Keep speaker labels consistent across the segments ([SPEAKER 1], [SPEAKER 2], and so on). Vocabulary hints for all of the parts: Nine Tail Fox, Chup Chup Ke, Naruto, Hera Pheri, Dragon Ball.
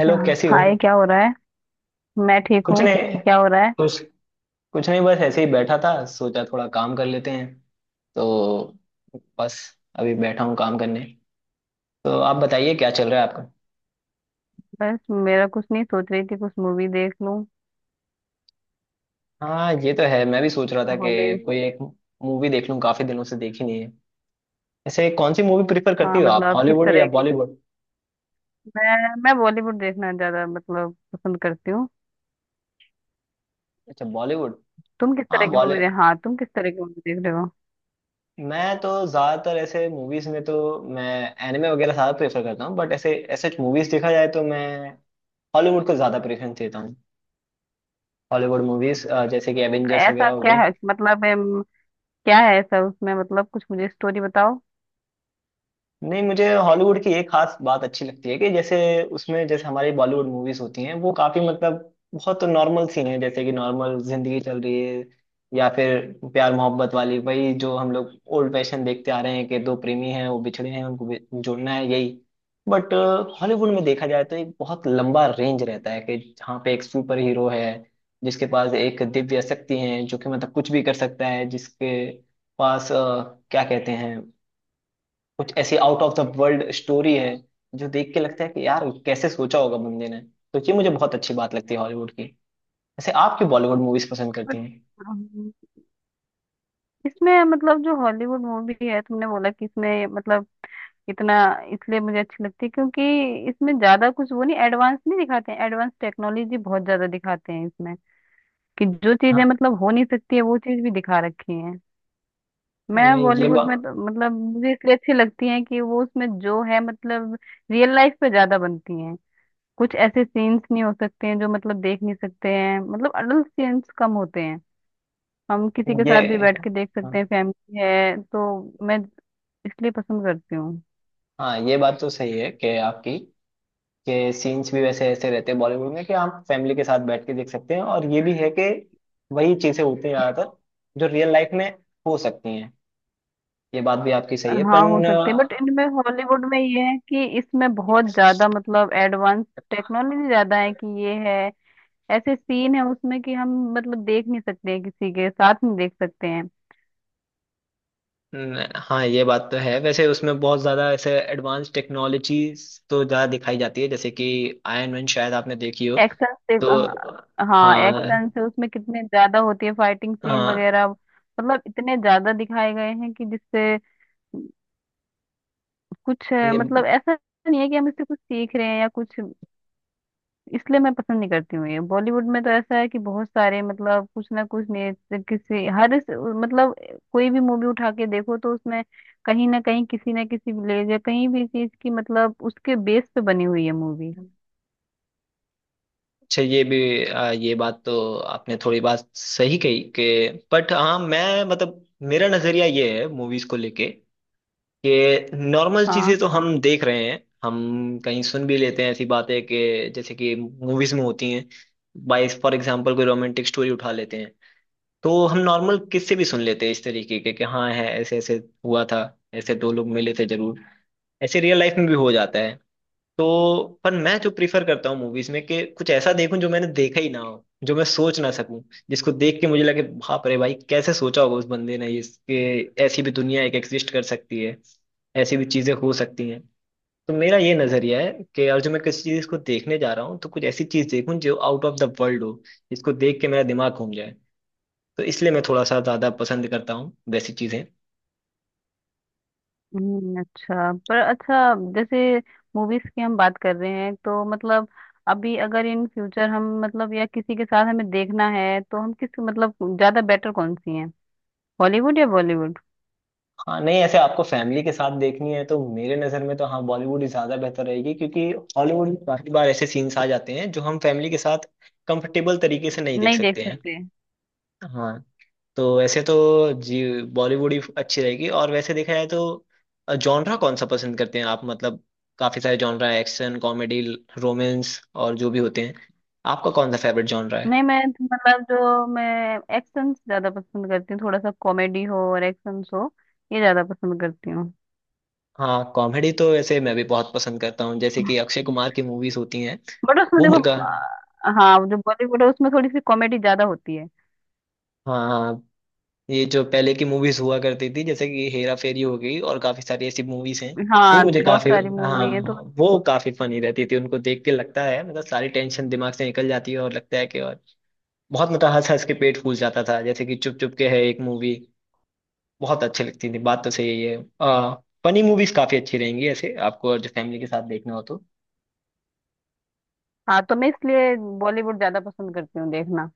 [SPEAKER 1] Hello, कैसी हो।
[SPEAKER 2] Hi, क्या हो रहा है? मैं ठीक
[SPEAKER 1] कुछ
[SPEAKER 2] हूँ।
[SPEAKER 1] नहीं।
[SPEAKER 2] क्या हो रहा है?
[SPEAKER 1] कुछ कुछ नहीं, बस ऐसे ही बैठा था, सोचा थोड़ा काम कर लेते हैं। तो बस, अभी बैठा हूँ काम करने। तो आप बताइए, क्या चल रहा है आपका।
[SPEAKER 2] बस मेरा कुछ नहीं, सोच रही थी कुछ मूवी देख लूं।
[SPEAKER 1] हाँ, ये तो है। मैं भी सोच रहा था
[SPEAKER 2] हॉलीवुड।
[SPEAKER 1] कि कोई एक मूवी देख लूँ, काफी दिनों से देखी नहीं है। ऐसे कौन सी मूवी प्रिफर करती
[SPEAKER 2] हाँ,
[SPEAKER 1] हो आप,
[SPEAKER 2] मतलब किस
[SPEAKER 1] हॉलीवुड या
[SPEAKER 2] तरह की?
[SPEAKER 1] बॉलीवुड?
[SPEAKER 2] मैं बॉलीवुड देखना ज्यादा मतलब पसंद करती हूँ।
[SPEAKER 1] अच्छा, बॉलीवुड।
[SPEAKER 2] तुम किस तरह
[SPEAKER 1] हाँ,
[SPEAKER 2] की मूवी दे
[SPEAKER 1] बॉलीवुड।
[SPEAKER 2] हाँ, तुम किस तरह की मूवी देख रहे हो?
[SPEAKER 1] मैं तो ज्यादातर ऐसे मूवीज में तो मैं एनिमे वगैरह ज्यादा प्रेफर करता हूँ, बट ऐसे ऐसे मूवीज देखा जाए तो मैं हॉलीवुड को ज्यादा प्रेफरेंस देता हूँ। हॉलीवुड मूवीज जैसे कि एवेंजर्स
[SPEAKER 2] ऐसा
[SPEAKER 1] वगैरह हो
[SPEAKER 2] क्या
[SPEAKER 1] गई।
[SPEAKER 2] है मतलब क्या है ऐसा उसमें? मतलब कुछ मुझे स्टोरी बताओ।
[SPEAKER 1] नहीं, मुझे हॉलीवुड की एक खास बात अच्छी लगती है कि जैसे उसमें, जैसे हमारी बॉलीवुड मूवीज होती हैं वो काफी मतलब बहुत नॉर्मल सीन है, जैसे कि नॉर्मल जिंदगी चल रही है या फिर प्यार मोहब्बत वाली, वही जो हम लोग ओल्ड फैशन देखते आ रहे हैं कि दो प्रेमी हैं वो बिछड़े हैं उनको जोड़ना है, यही। बट हॉलीवुड में देखा जाए तो एक बहुत लंबा रेंज रहता है कि जहाँ पे एक सुपर हीरो है जिसके पास एक दिव्य शक्ति है जो कि मतलब कुछ भी कर सकता है, जिसके पास क्या कहते हैं, कुछ ऐसी out of the world story है जो देख के लगता है कि यार कैसे सोचा होगा बंदे ने। तो ये मुझे बहुत अच्छी बात लगती है हॉलीवुड की। वैसे आप क्यों बॉलीवुड मूवीज पसंद करती
[SPEAKER 2] बट,
[SPEAKER 1] हैं?
[SPEAKER 2] अम, इसमें मतलब जो हॉलीवुड मूवी है, तुमने बोला कि इसमें मतलब इतना इसलिए मुझे अच्छी लगती है क्योंकि इसमें ज्यादा कुछ वो नहीं, एडवांस नहीं दिखाते हैं। एडवांस टेक्नोलॉजी बहुत ज्यादा दिखाते हैं इसमें, कि जो चीजें
[SPEAKER 1] हाँ
[SPEAKER 2] मतलब हो नहीं सकती है, वो चीज भी दिखा रखी है। मैं
[SPEAKER 1] नहीं ये
[SPEAKER 2] बॉलीवुड में
[SPEAKER 1] बात
[SPEAKER 2] तो मतलब मुझे इसलिए अच्छी लगती है कि वो उसमें जो है मतलब रियल लाइफ पे ज्यादा बनती हैं। कुछ ऐसे सीन्स नहीं हो सकते हैं जो मतलब देख नहीं सकते हैं, मतलब अडल्ट सीन्स कम होते हैं। हम किसी के
[SPEAKER 1] ये
[SPEAKER 2] साथ भी बैठ के देख
[SPEAKER 1] हाँ
[SPEAKER 2] सकते हैं, फैमिली है तो। मैं इसलिए पसंद करती हूँ।
[SPEAKER 1] हाँ, ये बात तो सही है कि आपकी कि सीन्स भी वैसे ऐसे रहते हैं बॉलीवुड में कि आप फैमिली के साथ बैठ के देख सकते हैं, और ये भी है कि वही चीजें होती हैं ज्यादातर जो रियल लाइफ में हो सकती हैं। ये बात भी आपकी सही है।
[SPEAKER 2] हाँ हो सकती है, बट इनमें हॉलीवुड में ये है कि इसमें बहुत
[SPEAKER 1] पर
[SPEAKER 2] ज्यादा मतलब एडवांस टेक्नोलॉजी ज्यादा है, कि ये है ऐसे सीन है उसमें कि हम मतलब देख नहीं सकते हैं, किसी के साथ नहीं देख सकते हैं।
[SPEAKER 1] हाँ ये बात तो है, वैसे उसमें बहुत ज़्यादा ऐसे एडवांस टेक्नोलॉजीज तो ज़्यादा दिखाई जाती है, जैसे कि आयरन मैन शायद आपने देखी हो। तो
[SPEAKER 2] हाँ,
[SPEAKER 1] हाँ
[SPEAKER 2] एक्शन से उसमें कितने ज्यादा होती है, फाइटिंग सीन
[SPEAKER 1] हाँ,
[SPEAKER 2] वगैरह मतलब इतने ज्यादा दिखाए गए हैं कि जिससे कुछ
[SPEAKER 1] ये-
[SPEAKER 2] मतलब ऐसा नहीं है कि हम इससे कुछ सीख रहे हैं या कुछ। इसलिए मैं पसंद नहीं करती हूँ ये। बॉलीवुड में तो ऐसा है कि बहुत सारे मतलब कुछ ना कुछ ने मतलब कोई भी मूवी उठा के देखो तो उसमें कहीं ना कहीं किसी ना किसी विलेज या कहीं भी चीज की मतलब उसके बेस पे बनी हुई है मूवी।
[SPEAKER 1] अच्छा, ये भी ये बात तो आपने थोड़ी बात सही कही कि, बट हाँ मैं मतलब मेरा नज़रिया ये है मूवीज को लेके, कि नॉर्मल चीज़ें
[SPEAKER 2] हाँ।
[SPEAKER 1] तो हम देख रहे हैं, हम कहीं सुन भी लेते हैं ऐसी बातें कि जैसे कि मूवीज में होती हैं। बाई फॉर एग्जाम्पल कोई रोमांटिक स्टोरी उठा लेते हैं, तो हम नॉर्मल किससे भी सुन लेते हैं इस तरीके के कि हाँ, है ऐसे ऐसे हुआ था। ऐसे दो लोग मिले थे जरूर, ऐसे रियल लाइफ में भी हो जाता है। तो पर मैं जो प्रीफर करता हूँ मूवीज में कि कुछ ऐसा देखूं जो मैंने देखा ही ना हो, जो मैं सोच ना सकूं, जिसको देख के मुझे लगे बाप रे भाई, कैसे सोचा होगा उस बंदे ने इसके। ऐसी भी दुनिया एक एग्जिस्ट कर सकती है, ऐसी भी चीजें हो सकती हैं। तो मेरा ये नजरिया है कि अगर जो मैं किसी चीज को देखने जा रहा हूँ तो कुछ ऐसी चीज देखूं जो आउट ऑफ द वर्ल्ड हो, जिसको देख के मेरा दिमाग घूम। तो इसलिए मैं थोड़ा सा ज्यादा पसंद करता हूँ वैसी चीजें।
[SPEAKER 2] अच्छा। पर अच्छा, जैसे मूवीज की हम बात कर रहे हैं तो मतलब अभी अगर इन फ्यूचर हम मतलब या किसी के साथ हमें देखना है तो हम किस मतलब ज्यादा बेटर कौन सी है, हॉलीवुड या बॉलीवुड?
[SPEAKER 1] हाँ नहीं, ऐसे आपको फैमिली के साथ देखनी है तो मेरे नजर में तो हाँ, बॉलीवुड ही ज्यादा बेहतर रहेगी, क्योंकि हॉलीवुड में काफी बार ऐसे सीन्स आ जाते हैं जो हम फैमिली के साथ कंफर्टेबल तरीके से नहीं देख
[SPEAKER 2] नहीं देख
[SPEAKER 1] सकते हैं।
[SPEAKER 2] सकते।
[SPEAKER 1] हाँ। तो ऐसे तो जी, बॉलीवुड ही अच्छी रहेगी। और वैसे देखा जाए तो जॉनरा कौन सा पसंद करते हैं आप, मतलब काफी सारे जॉनरा, एक्शन, कॉमेडी, रोमांस और जो भी होते हैं, आपका कौन सा फेवरेट जॉनरा है?
[SPEAKER 2] नहीं, मैं मतलब जो मैं एक्शन ज्यादा पसंद करती हूँ, थोड़ा सा कॉमेडी हो और एक्शन हो, ये ज्यादा पसंद करती हूँ।
[SPEAKER 1] हाँ, कॉमेडी तो वैसे मैं भी बहुत पसंद करता हूँ, जैसे कि अक्षय कुमार की मूवीज होती हैं।
[SPEAKER 2] बट उसमें
[SPEAKER 1] वो
[SPEAKER 2] देखो
[SPEAKER 1] मेरे का
[SPEAKER 2] हाँ, जो बॉलीवुड है उसमें थोड़ी सी कॉमेडी ज्यादा होती है।
[SPEAKER 1] हाँ हाँ, ये जो पहले की मूवीज हुआ करती थी जैसे कि हेरा फेरी हो गई, और काफी सारी ऐसी मूवीज हैं। वो
[SPEAKER 2] हाँ,
[SPEAKER 1] मुझे
[SPEAKER 2] बहुत
[SPEAKER 1] काफी
[SPEAKER 2] सारी
[SPEAKER 1] हाँ,
[SPEAKER 2] मूवी है तो।
[SPEAKER 1] वो काफी फनी रहती थी, उनको देख के लगता है मतलब सारी टेंशन दिमाग से निकल जाती है, और लगता है कि और बहुत मतलब हंस हंस के पेट फूल जाता था, जैसे कि चुप चुप के है एक मूवी, बहुत अच्छी लगती थी, बात तो सही है। आ, फनी मूवीज काफी अच्छी रहेंगी ऐसे आपको, और जो फैमिली के साथ देखना हो तो।
[SPEAKER 2] हाँ, तो मैं इसलिए बॉलीवुड ज्यादा पसंद करती हूँ देखना।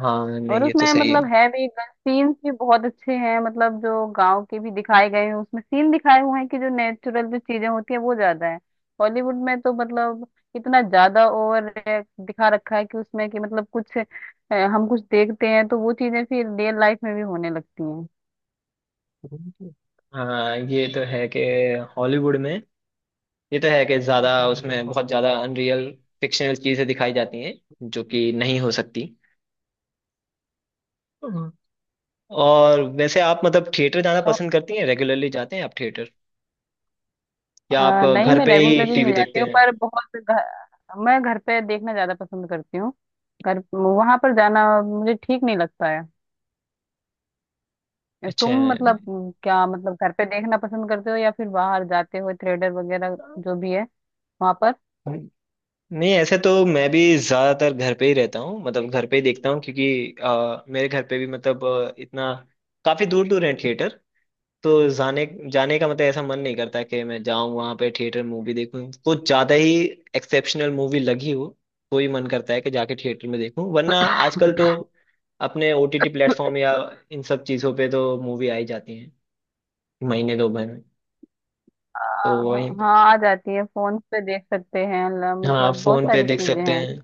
[SPEAKER 1] हाँ नहीं,
[SPEAKER 2] और
[SPEAKER 1] ये तो
[SPEAKER 2] उसमें
[SPEAKER 1] सही है।
[SPEAKER 2] मतलब है भी, सीन्स भी बहुत अच्छे हैं, मतलब जो गांव के भी दिखाए गए हैं उसमें, सीन दिखाए हुए हैं कि जो नेचुरल जो चीजें होती है वो ज्यादा है। हॉलीवुड में तो मतलब इतना ज्यादा ओवर दिखा रखा है कि उसमें कि मतलब कुछ हम कुछ देखते हैं तो वो चीजें फिर रियल लाइफ में भी होने लगती हैं।
[SPEAKER 1] हाँ ये तो है कि हॉलीवुड में, ये तो है कि ज्यादा उसमें बहुत ज्यादा अनरियल फिक्शनल चीजें दिखाई जाती हैं, जो कि नहीं हो सकती। हम्म। और वैसे आप मतलब थिएटर जाना
[SPEAKER 2] तो
[SPEAKER 1] पसंद करती हैं, रेगुलरली जाते हैं आप थिएटर, या आप
[SPEAKER 2] नहीं,
[SPEAKER 1] घर
[SPEAKER 2] मैं
[SPEAKER 1] पे ही
[SPEAKER 2] रेगुलरली
[SPEAKER 1] टीवी
[SPEAKER 2] नहीं जाती
[SPEAKER 1] देखते
[SPEAKER 2] हूँ,
[SPEAKER 1] हैं?
[SPEAKER 2] पर बहुत मैं घर पे देखना ज्यादा पसंद करती हूँ। घर वहां पर जाना मुझे ठीक नहीं लगता है।
[SPEAKER 1] अच्छा।
[SPEAKER 2] तुम मतलब क्या मतलब, घर पे देखना पसंद करते हो या फिर बाहर जाते हो थिएटर वगैरह, जो भी है वहां पर?
[SPEAKER 1] नहीं, ऐसे तो मैं भी ज्यादातर घर पे ही रहता हूँ, मतलब घर पे ही देखता हूँ, क्योंकि मेरे घर पे भी मतलब इतना काफी दूर दूर है थिएटर। तो जाने जाने का मतलब ऐसा मन नहीं करता कि मैं जाऊं वहां पे थिएटर मूवी देखूं, कुछ ज्यादा ही एक्सेप्शनल मूवी लगी हो तो ही मन करता है कि जाके थिएटर में देखूं, वरना आजकल तो अपने ओटीटी प्लेटफॉर्म या इन सब चीजों पे तो मूवी आई जाती है महीने दो महीने में। तो
[SPEAKER 2] हाँ
[SPEAKER 1] वहीं,
[SPEAKER 2] हाँ, आ जाती है। फोन पे देख सकते हैं
[SPEAKER 1] हाँ,
[SPEAKER 2] मतलब बहुत
[SPEAKER 1] फोन पे
[SPEAKER 2] सारी
[SPEAKER 1] देख
[SPEAKER 2] चीजें
[SPEAKER 1] सकते
[SPEAKER 2] हैं
[SPEAKER 1] हैं।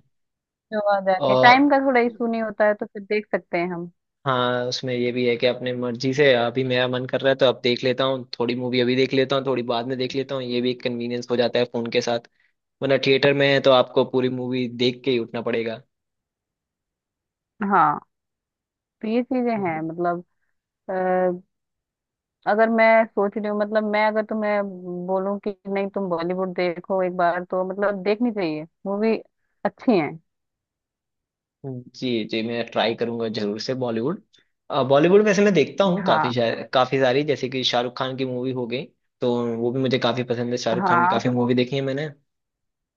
[SPEAKER 2] जो आ जाती है, टाइम
[SPEAKER 1] और
[SPEAKER 2] का थोड़ा इशू नहीं होता है तो फिर देख सकते हैं हम।
[SPEAKER 1] हाँ, उसमें ये भी है कि अपने मर्जी से अभी मेरा मन कर रहा है तो अब देख लेता हूँ थोड़ी मूवी, अभी देख लेता हूँ थोड़ी, बाद में देख लेता हूँ, ये भी एक कन्वीनियंस हो जाता है फोन के साथ। वरना थिएटर में है तो आपको पूरी मूवी देख के ही उठना पड़ेगा।
[SPEAKER 2] हाँ, तो ये चीजें हैं
[SPEAKER 1] हम्म।
[SPEAKER 2] मतलब अ, अगर मैं सोच रही हूँ मतलब, मैं अगर तुम्हें बोलूँ कि नहीं तुम बॉलीवुड देखो एक बार तो मतलब देखनी चाहिए मूवी, अच्छी है।
[SPEAKER 1] हम्म। जी जी, मैं ट्राई करूंगा जरूर से बॉलीवुड। बॉलीवुड वैसे मैं देखता हूँ काफी,
[SPEAKER 2] हाँ।
[SPEAKER 1] काफी सारी जैसे कि शाहरुख खान की मूवी हो गई। तो वो भी मुझे काफी पसंद है, शाहरुख खान की
[SPEAKER 2] हाँ।
[SPEAKER 1] काफी मूवी देखी है मैंने।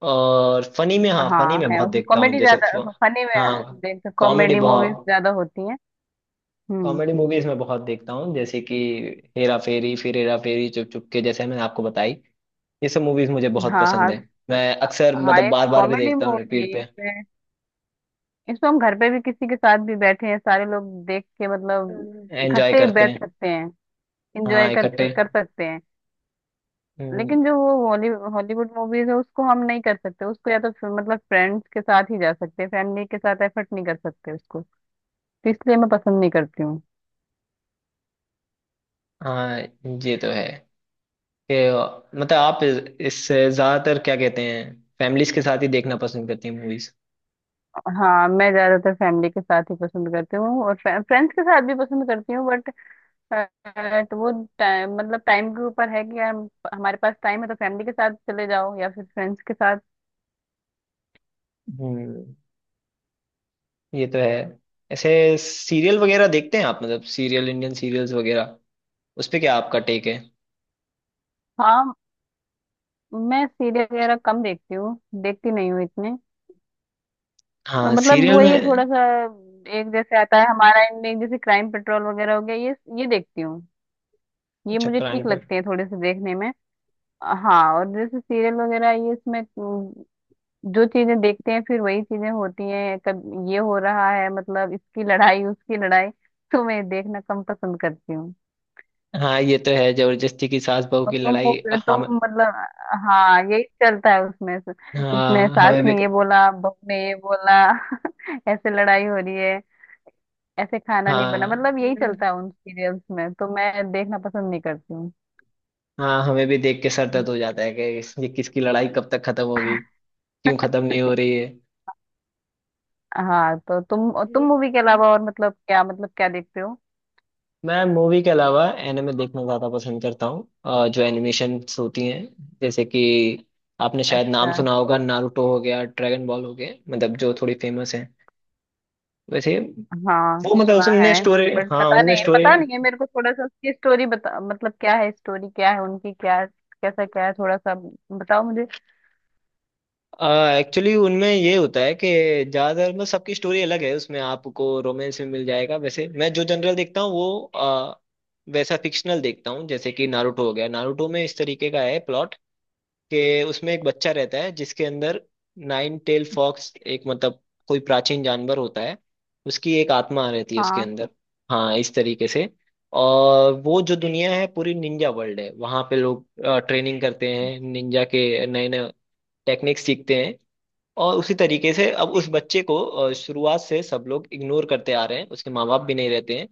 [SPEAKER 1] और फनी में, हाँ फनी
[SPEAKER 2] हाँ,
[SPEAKER 1] में
[SPEAKER 2] है
[SPEAKER 1] बहुत
[SPEAKER 2] उसमें
[SPEAKER 1] देखता हूँ,
[SPEAKER 2] कॉमेडी
[SPEAKER 1] जैसे
[SPEAKER 2] ज्यादा। फनी में
[SPEAKER 1] हाँ,
[SPEAKER 2] देखते
[SPEAKER 1] कॉमेडी
[SPEAKER 2] कॉमेडी मूवीज
[SPEAKER 1] बहुत,
[SPEAKER 2] ज्यादा होती हैं। हम्म।
[SPEAKER 1] कॉमेडी मूवीज में बहुत देखता हूँ, जैसे कि हेरा फेरी, फिर हेरा फेरी, चुप चुप के, जैसे मैंने आपको बताई, ये सब मूवीज मुझे बहुत
[SPEAKER 2] हाँ
[SPEAKER 1] पसंद है।
[SPEAKER 2] हाँ।
[SPEAKER 1] मैं अक्सर
[SPEAKER 2] हाँ,
[SPEAKER 1] मतलब
[SPEAKER 2] एक
[SPEAKER 1] बार बार भी
[SPEAKER 2] कॉमेडी
[SPEAKER 1] देखता हूँ
[SPEAKER 2] मूवी है
[SPEAKER 1] रिपीट पे।
[SPEAKER 2] इसमें। इसमें हम घर पे भी किसी के साथ भी बैठे हैं सारे लोग, देख के मतलब
[SPEAKER 1] एंजॉय
[SPEAKER 2] इकट्ठे
[SPEAKER 1] करते
[SPEAKER 2] बैठ
[SPEAKER 1] हैं।
[SPEAKER 2] सकते हैं। इंजॉय
[SPEAKER 1] हाँ,
[SPEAKER 2] कर
[SPEAKER 1] इकट्ठे।
[SPEAKER 2] कर सकते हैं।
[SPEAKER 1] हम्म।
[SPEAKER 2] लेकिन जो वो हॉलीवुड मूवीज है उसको हम नहीं कर सकते उसको, या तो फिर मतलब फ्रेंड्स के साथ ही जा सकते हैं, फैमिली के साथ एफर्ट नहीं कर सकते उसको। तो इसलिए मैं पसंद नहीं करती।
[SPEAKER 1] हाँ ये तो है कि मतलब आप इससे ज्यादातर क्या कहते हैं, फैमिलीज के साथ ही देखना पसंद करती हैं मूवीज?
[SPEAKER 2] हाँ, मैं ज्यादातर फैमिली के साथ ही पसंद करती हूँ, और फ्रेंड्स के साथ भी पसंद करती हूँ। बट तो वो टाइम मतलब टाइम के ऊपर है कि यार, हमारे पास टाइम है तो फैमिली के साथ चले जाओ या फिर फ्रेंड्स के साथ।
[SPEAKER 1] हम्म। ये तो है। ऐसे सीरियल वगैरह देखते हैं आप, मतलब सीरियल, इंडियन सीरियल्स वगैरह, उस पे क्या आपका टेक है?
[SPEAKER 2] हाँ, मैं सीरियल वगैरह कम देखती हूँ, देखती नहीं हूँ इतने। और
[SPEAKER 1] हाँ
[SPEAKER 2] मतलब
[SPEAKER 1] सीरियल
[SPEAKER 2] वही है
[SPEAKER 1] में
[SPEAKER 2] थोड़ा सा, एक जैसे आता है हमारा इनमें। जैसे क्राइम पेट्रोल वगैरह हो गया, ये देखती हूँ। ये
[SPEAKER 1] अच्छा,
[SPEAKER 2] मुझे
[SPEAKER 1] क्राइम
[SPEAKER 2] ठीक
[SPEAKER 1] पर।
[SPEAKER 2] लगते हैं थोड़े से देखने में। हाँ, और जैसे सीरियल वगैरह ये, इसमें जो चीजें देखते हैं फिर वही चीजें होती हैं कब, ये हो रहा है, मतलब इसकी लड़ाई, उसकी लड़ाई। तो मैं देखना कम पसंद करती हूँ।
[SPEAKER 1] हाँ ये तो है, जबरदस्ती की सास बहू
[SPEAKER 2] और
[SPEAKER 1] की लड़ाई। हम।
[SPEAKER 2] तुम मतलब। हाँ, यही चलता है उसमें से। इसने,
[SPEAKER 1] हाँ,
[SPEAKER 2] सास
[SPEAKER 1] हमें भी।
[SPEAKER 2] ने ये बोला, बहू ने ये बोला ऐसे लड़ाई हो रही है, ऐसे खाना नहीं बना,
[SPEAKER 1] हाँ
[SPEAKER 2] मतलब यही चलता है उन सीरियल्स में, तो मैं देखना पसंद नहीं करती हूँ।
[SPEAKER 1] हाँ, हमें भी देख के सर दर्द हो जाता है कि ये किसकी लड़ाई कब तक खत्म होगी, क्यों खत्म नहीं हो रही है।
[SPEAKER 2] हाँ, तो तुम मूवी के अलावा और मतलब क्या देखते हो?
[SPEAKER 1] मैं मूवी के अलावा एनिमे देखना ज्यादा पसंद करता हूँ, जो एनिमेशन होती हैं, जैसे कि आपने शायद नाम
[SPEAKER 2] अच्छा।
[SPEAKER 1] सुना होगा, नारुतो हो गया, ड्रैगन बॉल हो गया, मतलब जो थोड़ी फेमस है वैसे।
[SPEAKER 2] हाँ,
[SPEAKER 1] वो मतलब
[SPEAKER 2] सुना है।
[SPEAKER 1] उसमें स्टोरी
[SPEAKER 2] बट
[SPEAKER 1] हाँ,
[SPEAKER 2] पता
[SPEAKER 1] उनमें
[SPEAKER 2] नहीं,
[SPEAKER 1] स्टोरी
[SPEAKER 2] पता नहीं है मेरे को थोड़ा सा, उसकी स्टोरी बता, मतलब क्या है स्टोरी, क्या है उनकी, क्या कैसा क्या है, थोड़ा सा बताओ मुझे।
[SPEAKER 1] एक्चुअली उनमें ये होता है कि ज्यादातर मतलब सबकी स्टोरी अलग है, उसमें आपको रोमांस में मिल जाएगा, वैसे मैं जो जनरल देखता हूँ वो वैसा फिक्शनल देखता हूँ, जैसे कि नारुतो हो गया। नारुतो में इस तरीके का है प्लॉट, कि उसमें एक बच्चा रहता है जिसके अंदर नाइन टेल फॉक्स, एक मतलब कोई प्राचीन जानवर होता है, उसकी एक आत्मा रहती है उसके
[SPEAKER 2] हाँ
[SPEAKER 1] अंदर। हाँ, इस तरीके से। और वो जो दुनिया है पूरी निंजा वर्ल्ड है, वहां पे लोग ट्रेनिंग करते हैं, निंजा के नए नए टेक्निक्स सीखते हैं। और उसी तरीके से अब उस बच्चे को शुरुआत से सब लोग इग्नोर करते आ रहे हैं, उसके माँ बाप भी नहीं रहते हैं।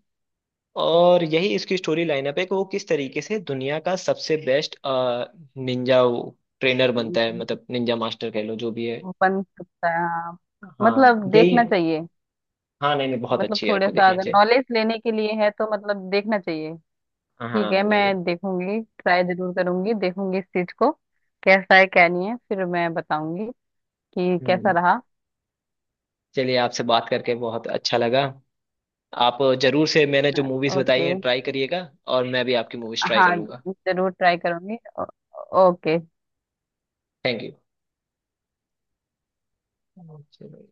[SPEAKER 1] और यही इसकी स्टोरी लाइनअप है कि वो किस तरीके से दुनिया का सबसे बेस्ट निंजा ट्रेनर बनता है, मतलब निंजा मास्टर कह लो जो भी है।
[SPEAKER 2] वो बन सकता है। हाँ,
[SPEAKER 1] हाँ,
[SPEAKER 2] मतलब
[SPEAKER 1] यही
[SPEAKER 2] देखना
[SPEAKER 1] है।
[SPEAKER 2] चाहिए।
[SPEAKER 1] हाँ नहीं नहीं, बहुत
[SPEAKER 2] मतलब
[SPEAKER 1] अच्छी है,
[SPEAKER 2] थोड़ा
[SPEAKER 1] आपको
[SPEAKER 2] सा
[SPEAKER 1] देखना
[SPEAKER 2] अगर
[SPEAKER 1] चाहिए।
[SPEAKER 2] नॉलेज लेने के लिए है तो मतलब देखना चाहिए। ठीक
[SPEAKER 1] हाँ
[SPEAKER 2] है,
[SPEAKER 1] नहीं नहीं।
[SPEAKER 2] मैं देखूंगी, ट्राई जरूर करूंगी, देखूंगी इस चीज को। कैसा है क्या नहीं है फिर मैं बताऊंगी कि कैसा
[SPEAKER 1] हम्म।
[SPEAKER 2] रहा।
[SPEAKER 1] चलिए, आपसे बात करके बहुत अच्छा लगा। आप जरूर से मैंने जो मूवीज बताई
[SPEAKER 2] ओके।
[SPEAKER 1] हैं ट्राई करिएगा, और मैं भी आपकी मूवीज ट्राई
[SPEAKER 2] हाँ,
[SPEAKER 1] करूंगा।
[SPEAKER 2] जरूर ट्राई करूंगी। ओके।
[SPEAKER 1] Thank you.